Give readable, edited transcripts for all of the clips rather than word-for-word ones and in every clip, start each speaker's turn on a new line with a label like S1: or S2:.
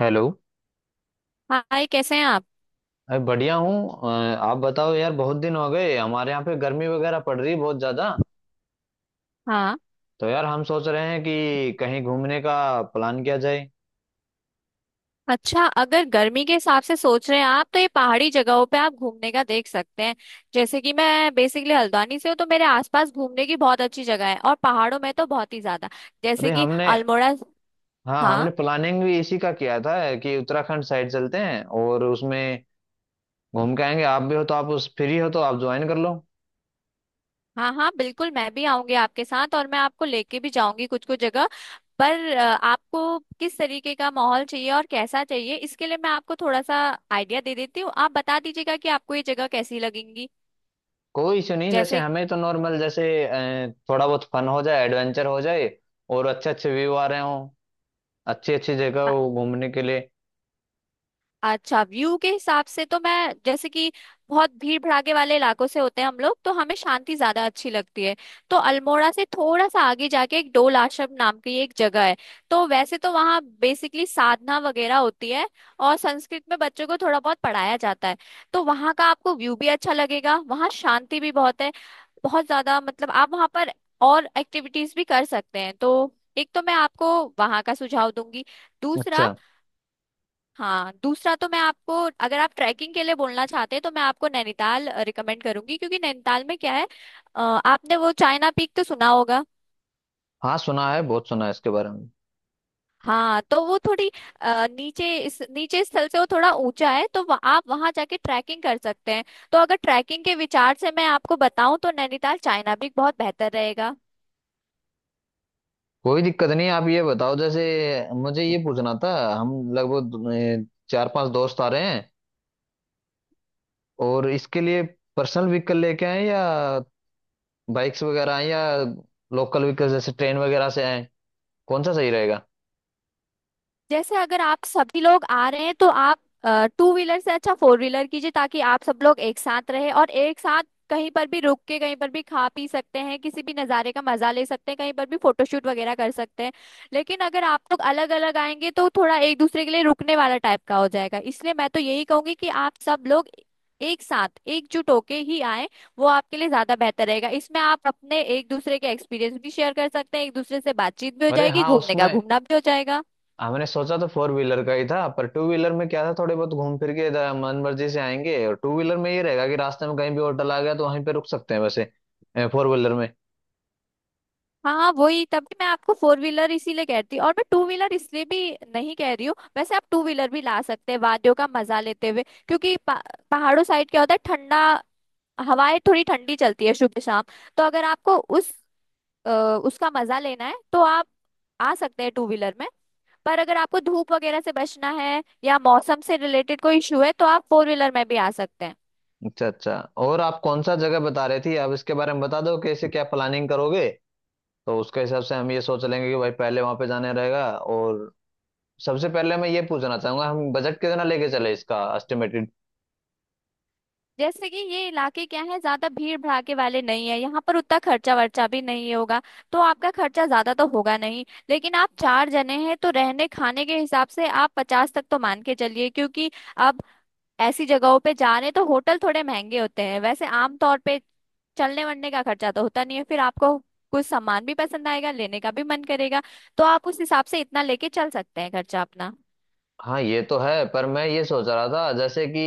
S1: Hello.
S2: Hi, कैसे हैं आप।
S1: अरे बढ़िया हूँ। आप बताओ यार, बहुत दिन हो गए। हमारे यहाँ पे गर्मी वगैरह पड़ रही है बहुत ज्यादा।
S2: हाँ।
S1: तो यार हम सोच रहे हैं कि कहीं घूमने का प्लान किया जाए।
S2: अच्छा, अगर गर्मी के हिसाब से सोच रहे हैं आप तो ये पहाड़ी जगहों पे आप घूमने का देख सकते हैं। जैसे कि मैं बेसिकली हल्द्वानी से हूँ तो मेरे आसपास घूमने की बहुत अच्छी जगह है, और पहाड़ों में तो बहुत ही ज्यादा। जैसे
S1: अरे
S2: कि
S1: हमने,
S2: अल्मोड़ा।
S1: हाँ
S2: हाँ
S1: हमने प्लानिंग भी इसी का किया था कि उत्तराखंड साइड चलते हैं और उसमें घूम के आएंगे। आप भी हो तो, आप उस फ्री हो तो आप ज्वाइन कर लो।
S2: हाँ। हाँ, बिल्कुल, मैं भी आऊंगी आपके साथ और मैं आपको लेके भी जाऊंगी कुछ कुछ जगह। पर आपको किस तरीके का माहौल चाहिए और कैसा चाहिए, इसके लिए मैं आपको थोड़ा सा आइडिया दे देती हूँ, आप बता दीजिएगा कि आपको ये जगह कैसी लगेंगी।
S1: कोई इशू नहीं, जैसे
S2: जैसे।
S1: हमें तो नॉर्मल जैसे थोड़ा बहुत फन हो जाए, एडवेंचर हो जाए और अच्छे अच्छे व्यू आ रहे हों, अच्छी अच्छी जगह हो घूमने के लिए।
S2: अच्छा, व्यू के हिसाब से तो मैं, जैसे कि बहुत भीड़ भड़ाके वाले इलाकों से होते हैं हम लोग तो हमें शांति ज्यादा अच्छी लगती है। तो अल्मोड़ा से थोड़ा सा आगे जाके एक डोल आश्रम नाम की एक जगह है। तो वैसे तो वहाँ बेसिकली साधना वगैरह होती है, और संस्कृत में बच्चों को थोड़ा बहुत पढ़ाया जाता है। तो वहाँ का आपको व्यू भी अच्छा लगेगा, वहाँ शांति भी बहुत है, बहुत ज्यादा। मतलब आप वहाँ पर और एक्टिविटीज भी कर सकते हैं। तो एक तो मैं आपको वहाँ का सुझाव दूंगी। दूसरा।
S1: अच्छा।
S2: हाँ, दूसरा तो मैं आपको, अगर आप ट्रैकिंग के लिए बोलना चाहते हैं तो मैं आपको नैनीताल रिकमेंड करूंगी, क्योंकि नैनीताल में क्या है, आपने वो चाइना पीक तो सुना होगा।
S1: हाँ सुना है, बहुत सुना है इसके बारे में।
S2: हाँ, तो वो थोड़ी नीचे, इस नीचे स्थल से वो थोड़ा ऊंचा है, तो आप वहां जाके ट्रैकिंग कर सकते हैं। तो अगर ट्रैकिंग के विचार से मैं आपको बताऊं तो नैनीताल चाइना पीक बहुत बेहतर रहेगा।
S1: कोई दिक्कत नहीं, आप ये बताओ जैसे मुझे ये पूछना था, हम लगभग चार पांच दोस्त आ रहे हैं और इसके लिए पर्सनल व्हीकल लेके आए या बाइक्स वगैरह आए या लोकल व्हीकल जैसे ट्रेन वगैरह से आए, कौन सा सही रहेगा?
S2: जैसे अगर आप सभी लोग आ रहे हैं तो आप टू व्हीलर से अच्छा फोर व्हीलर कीजिए, ताकि आप सब लोग एक साथ रहे और एक साथ कहीं पर भी रुक के कहीं पर भी खा पी सकते हैं, किसी भी नज़ारे का मजा ले सकते हैं, कहीं पर भी फोटोशूट वगैरह कर सकते हैं। लेकिन अगर आप लोग अलग अलग आएंगे तो थोड़ा एक दूसरे के लिए रुकने वाला टाइप का हो जाएगा, इसलिए मैं तो यही कहूंगी कि आप सब लोग एक साथ एकजुट होके ही आए, वो आपके लिए ज्यादा बेहतर रहेगा। इसमें आप अपने एक दूसरे के एक्सपीरियंस भी शेयर कर सकते हैं, एक दूसरे से बातचीत भी हो
S1: अरे
S2: जाएगी,
S1: हाँ,
S2: घूमने का
S1: उसमें
S2: घूमना भी हो जाएगा।
S1: हमने सोचा तो फोर व्हीलर का ही था, पर टू व्हीलर में क्या था, थोड़े बहुत घूम फिर के इधर मन मर्जी से आएंगे। और टू व्हीलर में ये रहेगा कि रास्ते में कहीं भी होटल आ गया तो वहीं पे रुक सकते हैं, वैसे फोर व्हीलर में।
S2: हाँ, वही, तभी मैं आपको फोर व्हीलर इसीलिए कहती हूँ, और मैं टू व्हीलर इसलिए भी नहीं कह रही हूँ, वैसे आप टू व्हीलर भी ला सकते हैं वादियों का मजा लेते हुए, क्योंकि पहाड़ों साइड क्या होता है ठंडा, हवाएं थोड़ी ठंडी चलती है सुबह शाम। तो अगर आपको उस अ, उसका मजा लेना है तो आप आ सकते हैं टू व्हीलर में। पर अगर आपको धूप वगैरह से बचना है या मौसम से रिलेटेड कोई इशू है तो आप फोर व्हीलर में भी आ सकते हैं।
S1: अच्छा अच्छा। और आप कौन सा जगह बता रहे थी, आप इसके बारे में बता दो कैसे क्या प्लानिंग करोगे, तो उसके हिसाब से हम ये सोच लेंगे कि भाई पहले वहां पे जाने रहेगा। और सबसे पहले मैं ये पूछना चाहूंगा हम बजट कितना लेके चले, इसका एस्टिमेटेड।
S2: जैसे कि ये इलाके क्या है, ज्यादा भीड़ भड़ाके वाले नहीं है, यहाँ पर उतना खर्चा वर्चा भी नहीं होगा, तो आपका खर्चा ज्यादा तो होगा नहीं। लेकिन आप चार जने हैं तो रहने खाने के हिसाब से आप 50 तक तो मान के चलिए, क्योंकि अब ऐसी जगहों पे जा रहे हैं तो होटल थोड़े महंगे होते हैं वैसे आमतौर पे। चलने वलने का खर्चा तो होता नहीं है, फिर आपको कुछ सामान भी पसंद आएगा, लेने का भी मन करेगा, तो आप उस हिसाब से इतना लेके चल सकते हैं खर्चा अपना।
S1: हाँ ये तो है, पर मैं ये सोच रहा था जैसे कि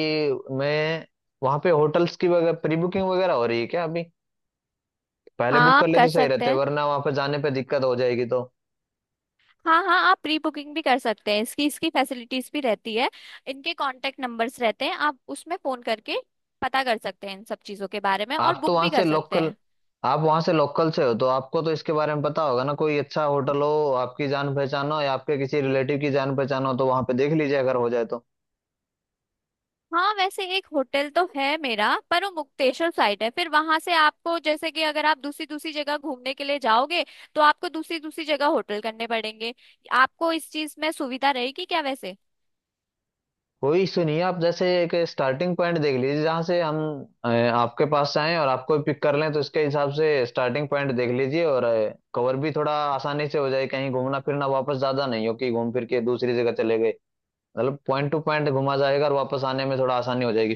S1: मैं वहां पे होटल्स की वगैरह प्री बुकिंग वगैरह हो रही है क्या अभी? पहले बुक
S2: हाँ,
S1: कर
S2: आप
S1: ले
S2: कर
S1: तो सही
S2: सकते
S1: रहते,
S2: हैं।
S1: वरना वहां पे जाने पे दिक्कत हो जाएगी तो।
S2: हाँ हाँ, आप प्री बुकिंग भी कर सकते हैं, इसकी इसकी फैसिलिटीज भी रहती है, इनके कांटेक्ट नंबर्स रहते हैं, आप उसमें फोन करके पता कर सकते हैं इन सब चीजों के बारे में, और
S1: आप तो
S2: बुक
S1: वहां
S2: भी
S1: से
S2: कर सकते
S1: लोकल,
S2: हैं।
S1: आप वहां से लोकल से हो तो आपको तो इसके बारे में पता होगा ना, कोई अच्छा होटल हो, आपकी जान पहचान हो या आपके किसी रिलेटिव की जान पहचान हो तो वहां पे देख लीजिए अगर हो जाए तो।
S2: हाँ, वैसे एक होटल तो है मेरा, पर वो मुक्तेश्वर साइड है, फिर वहां से आपको, जैसे कि अगर आप दूसरी दूसरी जगह घूमने के लिए जाओगे तो आपको दूसरी दूसरी जगह होटल करने पड़ेंगे। आपको इस चीज में सुविधा रहेगी क्या वैसे।
S1: कोई इशू नहीं है, आप जैसे एक स्टार्टिंग पॉइंट देख लीजिए जहां से हम आपके पास आए और आपको पिक कर लें, तो इसके हिसाब से स्टार्टिंग पॉइंट देख लीजिए और कवर भी थोड़ा आसानी से हो जाए, कहीं घूमना फिरना वापस ज्यादा नहीं हो कि घूम फिर के दूसरी जगह चले गए, मतलब पॉइंट टू पॉइंट घुमा जाएगा और वापस आने में थोड़ा आसानी हो जाएगी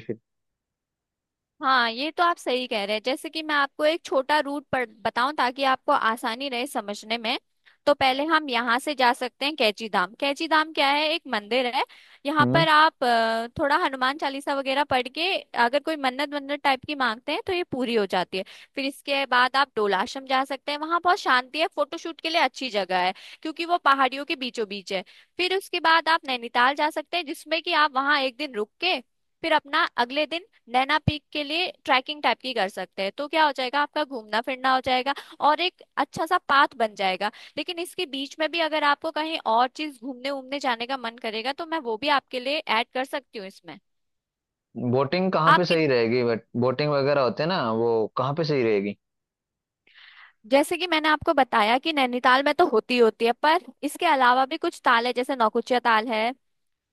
S2: हाँ, ये तो आप सही कह रहे हैं। जैसे कि मैं आपको एक छोटा रूट पर बताऊं ताकि आपको आसानी रहे समझने में। तो पहले हम यहाँ से जा सकते हैं कैची धाम। कैची धाम क्या है, एक मंदिर है। यहाँ
S1: फिर।
S2: पर आप थोड़ा हनुमान चालीसा वगैरह पढ़ के अगर कोई मन्नत वन्नत टाइप की मांगते हैं तो ये पूरी हो जाती है। फिर इसके बाद आप डोलाश्रम जा सकते हैं, वहाँ बहुत शांति है, फोटोशूट के लिए अच्छी जगह है, क्योंकि वो पहाड़ियों के बीचों बीच है। फिर उसके बाद आप नैनीताल जा सकते हैं, जिसमें कि आप वहाँ एक दिन रुक के फिर अपना अगले दिन नैना पीक के लिए ट्रैकिंग टाइप की कर सकते हैं। तो क्या हो जाएगा, आपका घूमना फिरना हो जाएगा, और एक अच्छा सा पाथ बन जाएगा। लेकिन इसके बीच में भी अगर आपको कहीं और चीज घूमने उमने जाने का मन करेगा तो मैं वो भी आपके लिए ऐड कर सकती हूँ इसमें।
S1: बोटिंग कहाँ पे
S2: आपकी,
S1: सही रहेगी, बट बोटिंग वगैरह होते हैं ना वो कहाँ पे सही रहेगी?
S2: जैसे कि मैंने आपको बताया कि नैनीताल में तो होती होती है, पर इसके अलावा भी कुछ ताल है, जैसे नौकुचिया ताल है,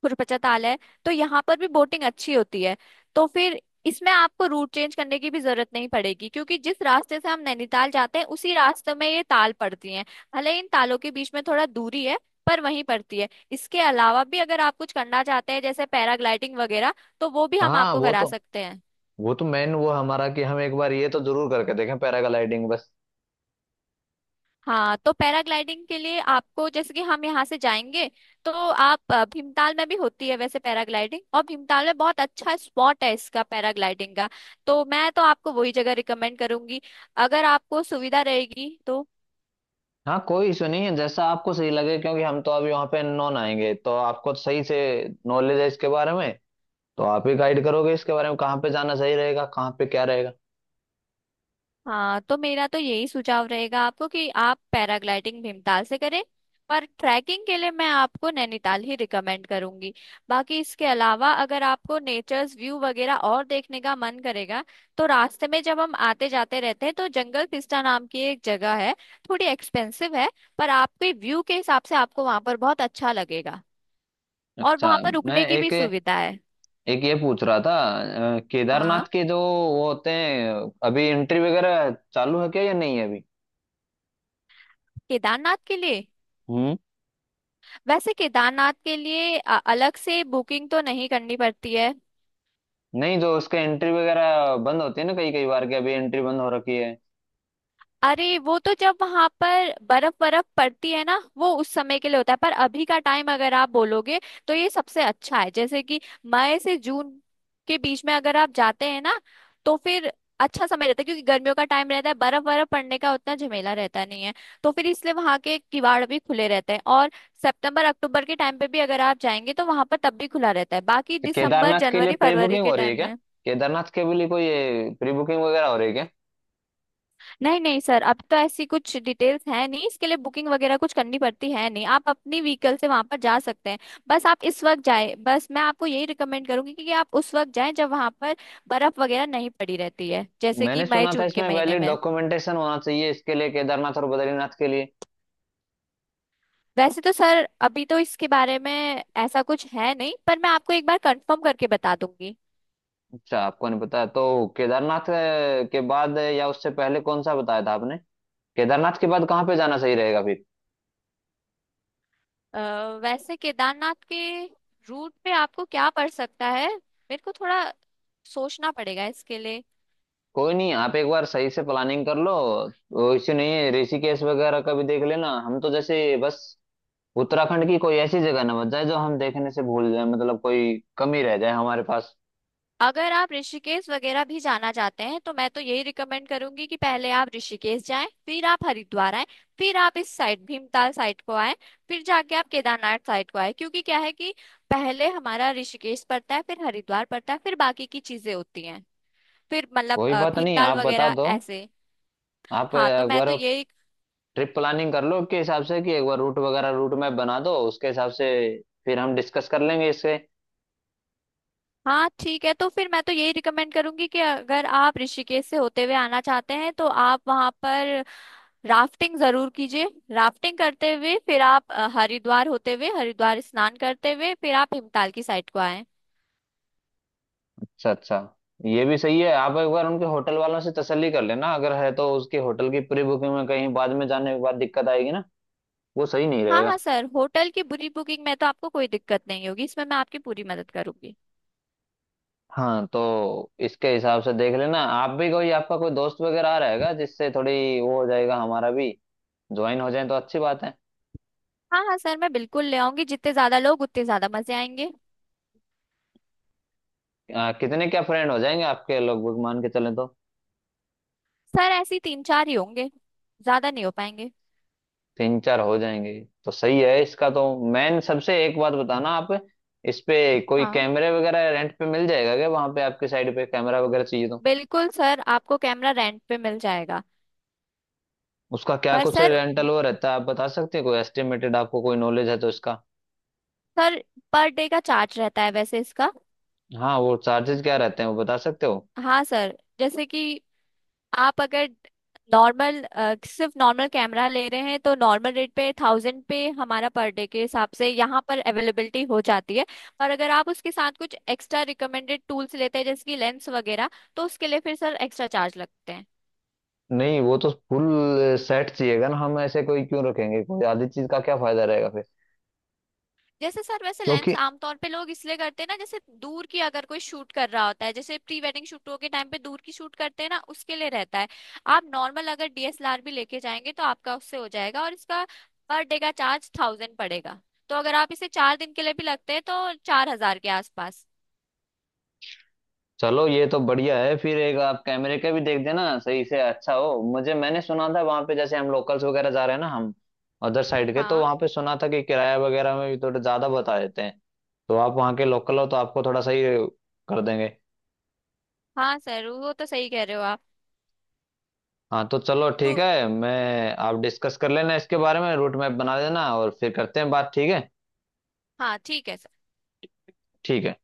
S2: कुरपचा ताल है, तो यहाँ पर भी बोटिंग अच्छी होती है। तो फिर इसमें आपको रूट चेंज करने की भी जरूरत नहीं पड़ेगी, क्योंकि जिस रास्ते से हम नैनीताल जाते हैं उसी रास्ते में ये ताल पड़ती हैं। भले इन तालों के बीच में थोड़ा दूरी है, पर वहीं पड़ती है। इसके अलावा भी अगर आप कुछ करना चाहते हैं जैसे पैराग्लाइडिंग वगैरह, तो वो भी हम
S1: हाँ
S2: आपको
S1: वो
S2: करा
S1: तो,
S2: सकते हैं।
S1: वो तो मेन वो हमारा कि हम एक बार ये तो जरूर करके देखें पैराग्लाइडिंग बस।
S2: हाँ, तो पैराग्लाइडिंग के लिए आपको, जैसे कि हम यहाँ से जाएंगे तो आप भीमताल में भी होती है वैसे पैराग्लाइडिंग, और भीमताल में बहुत अच्छा स्पॉट है इसका पैराग्लाइडिंग का, तो मैं तो आपको वही जगह रिकमेंड करूंगी, अगर आपको सुविधा रहेगी तो।
S1: हाँ कोई इशू नहीं है, जैसा आपको सही लगे क्योंकि हम तो अभी वहाँ पे नॉन आएंगे, तो आपको सही से नॉलेज है इसके बारे में, तो आप ही गाइड करोगे इसके बारे में कहाँ पे जाना सही रहेगा, कहाँ पे क्या रहेगा।
S2: हाँ, तो मेरा तो यही सुझाव रहेगा आपको कि आप पैराग्लाइडिंग भीमताल से करें, पर ट्रैकिंग के लिए मैं आपको नैनीताल ही रिकमेंड करूंगी। बाकी इसके अलावा अगर आपको नेचर्स व्यू वगैरह और देखने का मन करेगा, तो रास्ते में जब हम आते जाते रहते हैं तो जंगल पिस्टा नाम की एक जगह है, थोड़ी एक्सपेंसिव है, पर आपके व्यू के हिसाब से आपको वहां पर बहुत अच्छा लगेगा, और
S1: अच्छा।
S2: वहां पर
S1: मैं
S2: रुकने की भी
S1: एक,
S2: सुविधा है।
S1: एक ये पूछ रहा था,
S2: हाँ।
S1: केदारनाथ के जो वो होते हैं, अभी एंट्री वगैरह चालू है क्या या नहीं है
S2: केदारनाथ के लिए,
S1: अभी?
S2: वैसे केदारनाथ के लिए अलग से बुकिंग तो नहीं करनी पड़ती है।
S1: नहीं, जो उसके एंट्री वगैरह बंद होती है ना कई कई बार के, अभी एंट्री बंद हो रखी है
S2: अरे, वो तो जब वहां पर बर्फ बर्फ पड़ती है ना, वो उस समय के लिए होता है, पर अभी का टाइम अगर आप बोलोगे तो ये सबसे अच्छा है। जैसे कि मई से जून के बीच में अगर आप जाते हैं ना तो फिर अच्छा समय रहता है, क्योंकि गर्मियों का टाइम रहता है, बर्फ बर्फ पड़ने का उतना झमेला रहता नहीं है, तो फिर इसलिए वहां के किवाड़ भी खुले रहते हैं। और सितंबर अक्टूबर के टाइम पे भी अगर आप जाएंगे तो वहां पर तब भी खुला रहता है, बाकी
S1: तो?
S2: दिसंबर
S1: केदारनाथ के लिए
S2: जनवरी
S1: प्री
S2: फरवरी
S1: बुकिंग
S2: के
S1: हो रही है
S2: टाइम
S1: क्या?
S2: में।
S1: केदारनाथ के लिए कोई प्री बुकिंग वगैरह हो रही है क्या?
S2: नहीं नहीं सर, अब तो ऐसी कुछ डिटेल्स है नहीं, इसके लिए बुकिंग वगैरह कुछ करनी पड़ती है नहीं, आप अपनी व्हीकल से वहां पर जा सकते हैं। बस आप इस वक्त जाए, बस मैं आपको यही रिकमेंड करूंगी कि आप उस वक्त जाएं जब वहां पर बर्फ वगैरह नहीं पड़ी रहती है, जैसे कि
S1: मैंने
S2: मई
S1: सुना था
S2: जून के
S1: इसमें
S2: महीने
S1: वैलिड
S2: में।
S1: डॉक्यूमेंटेशन होना चाहिए इसके लिए केदारनाथ और बद्रीनाथ के लिए।
S2: वैसे तो सर अभी तो इसके बारे में ऐसा कुछ है नहीं, पर मैं आपको एक बार कंफर्म करके बता दूंगी।
S1: अच्छा, आपको नहीं पता तो। केदारनाथ के बाद या उससे पहले कौन सा बताया था आपने? केदारनाथ के बाद कहाँ पे जाना सही रहेगा फिर?
S2: अ, वैसे केदारनाथ के रूट पे आपको क्या पड़ सकता है, मेरे को थोड़ा सोचना पड़ेगा इसके लिए।
S1: कोई नहीं, आप एक बार सही से प्लानिंग कर लो। वो इसी नहीं है, ऋषिकेश वगैरह का भी देख लेना। हम तो जैसे बस उत्तराखंड की कोई ऐसी जगह ना बच जाए जो हम देखने से भूल जाए, मतलब कोई कमी रह जाए हमारे पास।
S2: अगर आप ऋषिकेश वगैरह भी जाना चाहते हैं तो मैं तो यही रिकमेंड करूंगी कि पहले आप ऋषिकेश जाएं, फिर आप हरिद्वार आएं, फिर आप इस साइड भीमताल साइड को आएं, फिर जाके आप केदारनाथ साइड को आएं। क्योंकि क्या है कि पहले हमारा ऋषिकेश पड़ता है, फिर हरिद्वार पड़ता है, फिर बाकी की चीजें होती हैं, फिर मतलब
S1: कोई बात नहीं,
S2: भीमताल
S1: आप बता
S2: वगैरह
S1: दो।
S2: ऐसे।
S1: आप
S2: हाँ, तो
S1: एक
S2: मैं तो
S1: बार
S2: यही।
S1: ट्रिप प्लानिंग कर लो के हिसाब से, कि एक बार रूट वगैरह रूट मैप बना दो उसके हिसाब से, फिर हम डिस्कस कर लेंगे इससे।
S2: हाँ ठीक है, तो फिर मैं तो यही रिकमेंड करूंगी कि अगर आप ऋषिकेश से होते हुए आना चाहते हैं तो आप वहां पर राफ्टिंग जरूर कीजिए। राफ्टिंग करते हुए फिर आप हरिद्वार होते हुए हरिद्वार स्नान करते हुए फिर आप हिमताल की साइड को आए।
S1: अच्छा अच्छा। ये भी सही है, आप एक बार उनके होटल वालों से तसल्ली कर लेना, अगर है तो उसके होटल की प्री बुकिंग में कहीं बाद में जाने के बाद दिक्कत आएगी ना, वो सही नहीं
S2: हाँ हाँ
S1: रहेगा।
S2: सर, होटल की पूरी बुकिंग में तो आपको कोई दिक्कत नहीं होगी, इसमें मैं आपकी पूरी मदद करूंगी।
S1: हाँ, तो इसके हिसाब से देख लेना। आप भी कोई, आपका कोई दोस्त वगैरह आ रहेगा जिससे थोड़ी वो हो जाएगा, हमारा भी ज्वाइन हो जाए तो अच्छी बात है।
S2: हाँ हाँ सर, मैं बिल्कुल ले आऊंगी, जितने ज्यादा लोग उतने ज्यादा मजे आएंगे।
S1: कितने क्या फ्रेंड हो जाएंगे आपके लगभग, मान के चले तो?
S2: सर ऐसे ही तीन चार ही होंगे, ज्यादा नहीं हो पाएंगे।
S1: तीन चार हो जाएंगे तो सही है इसका तो। मैन सबसे एक बात बताना आप, इस पे कोई
S2: हाँ,
S1: कैमरे वगैरह रेंट पे मिल जाएगा क्या वहां पे? आपके साइड पे कैमरा वगैरह चाहिए तो
S2: बिल्कुल सर, आपको कैमरा रेंट पे मिल जाएगा।
S1: उसका क्या
S2: पर
S1: कुछ
S2: सर,
S1: रेंटल वो रहता है, आप बता सकते हैं कोई एस्टिमेटेड? आपको कोई नॉलेज है तो इसका।
S2: सर, पर डे का चार्ज रहता है वैसे इसका।
S1: हाँ वो चार्जेस क्या रहते हैं वो बता सकते हो?
S2: हाँ सर, जैसे कि आप अगर नॉर्मल, सिर्फ नॉर्मल कैमरा ले रहे हैं तो नॉर्मल रेट पे 1,000 पे, हमारा पर डे के हिसाब से यहाँ पर अवेलेबिलिटी हो जाती है। और अगर आप उसके साथ कुछ एक्स्ट्रा रिकमेंडेड टूल्स लेते हैं जैसे कि लेंस वगैरह तो उसके लिए फिर सर एक्स्ट्रा चार्ज लगते हैं।
S1: नहीं वो तो फुल सेट चाहिएगा ना, हम ऐसे कोई क्यों रखेंगे, कोई आधी चीज का क्या फायदा रहेगा फिर।
S2: जैसे सर वैसे लेंस
S1: क्योंकि
S2: आमतौर पे लोग इसलिए करते हैं ना, जैसे दूर की अगर कोई शूट कर रहा होता है, जैसे प्री वेडिंग शूटों के टाइम पे दूर की शूट करते हैं ना, उसके लिए रहता है। आप नॉर्मल अगर डीएसएलआर भी लेके जाएंगे तो आपका उससे हो जाएगा, और इसका पर डे का चार्ज 1,000 पड़ेगा। तो अगर आप इसे 4 दिन के लिए भी लगते हैं तो 4,000 के आसपास।
S1: चलो ये तो बढ़िया है फिर। एक आप कैमरे का भी देख देना सही से अच्छा हो मुझे। मैंने सुना था वहां पे, जैसे हम लोकल्स वगैरह जा रहे हैं ना, हम अदर साइड के, तो
S2: हाँ
S1: वहां पे सुना था कि किराया वगैरह में भी थोड़ा ज्यादा बता देते हैं, तो आप वहां के लोकल हो तो आपको थोड़ा सही कर देंगे।
S2: हाँ सर, वो तो सही कह रहे हो आप।
S1: हाँ तो चलो ठीक
S2: तो
S1: है, मैं, आप डिस्कस कर लेना इसके बारे में रूट मैप बना देना और फिर करते हैं बात, ठीक है?
S2: हाँ ठीक है।
S1: ठीक है।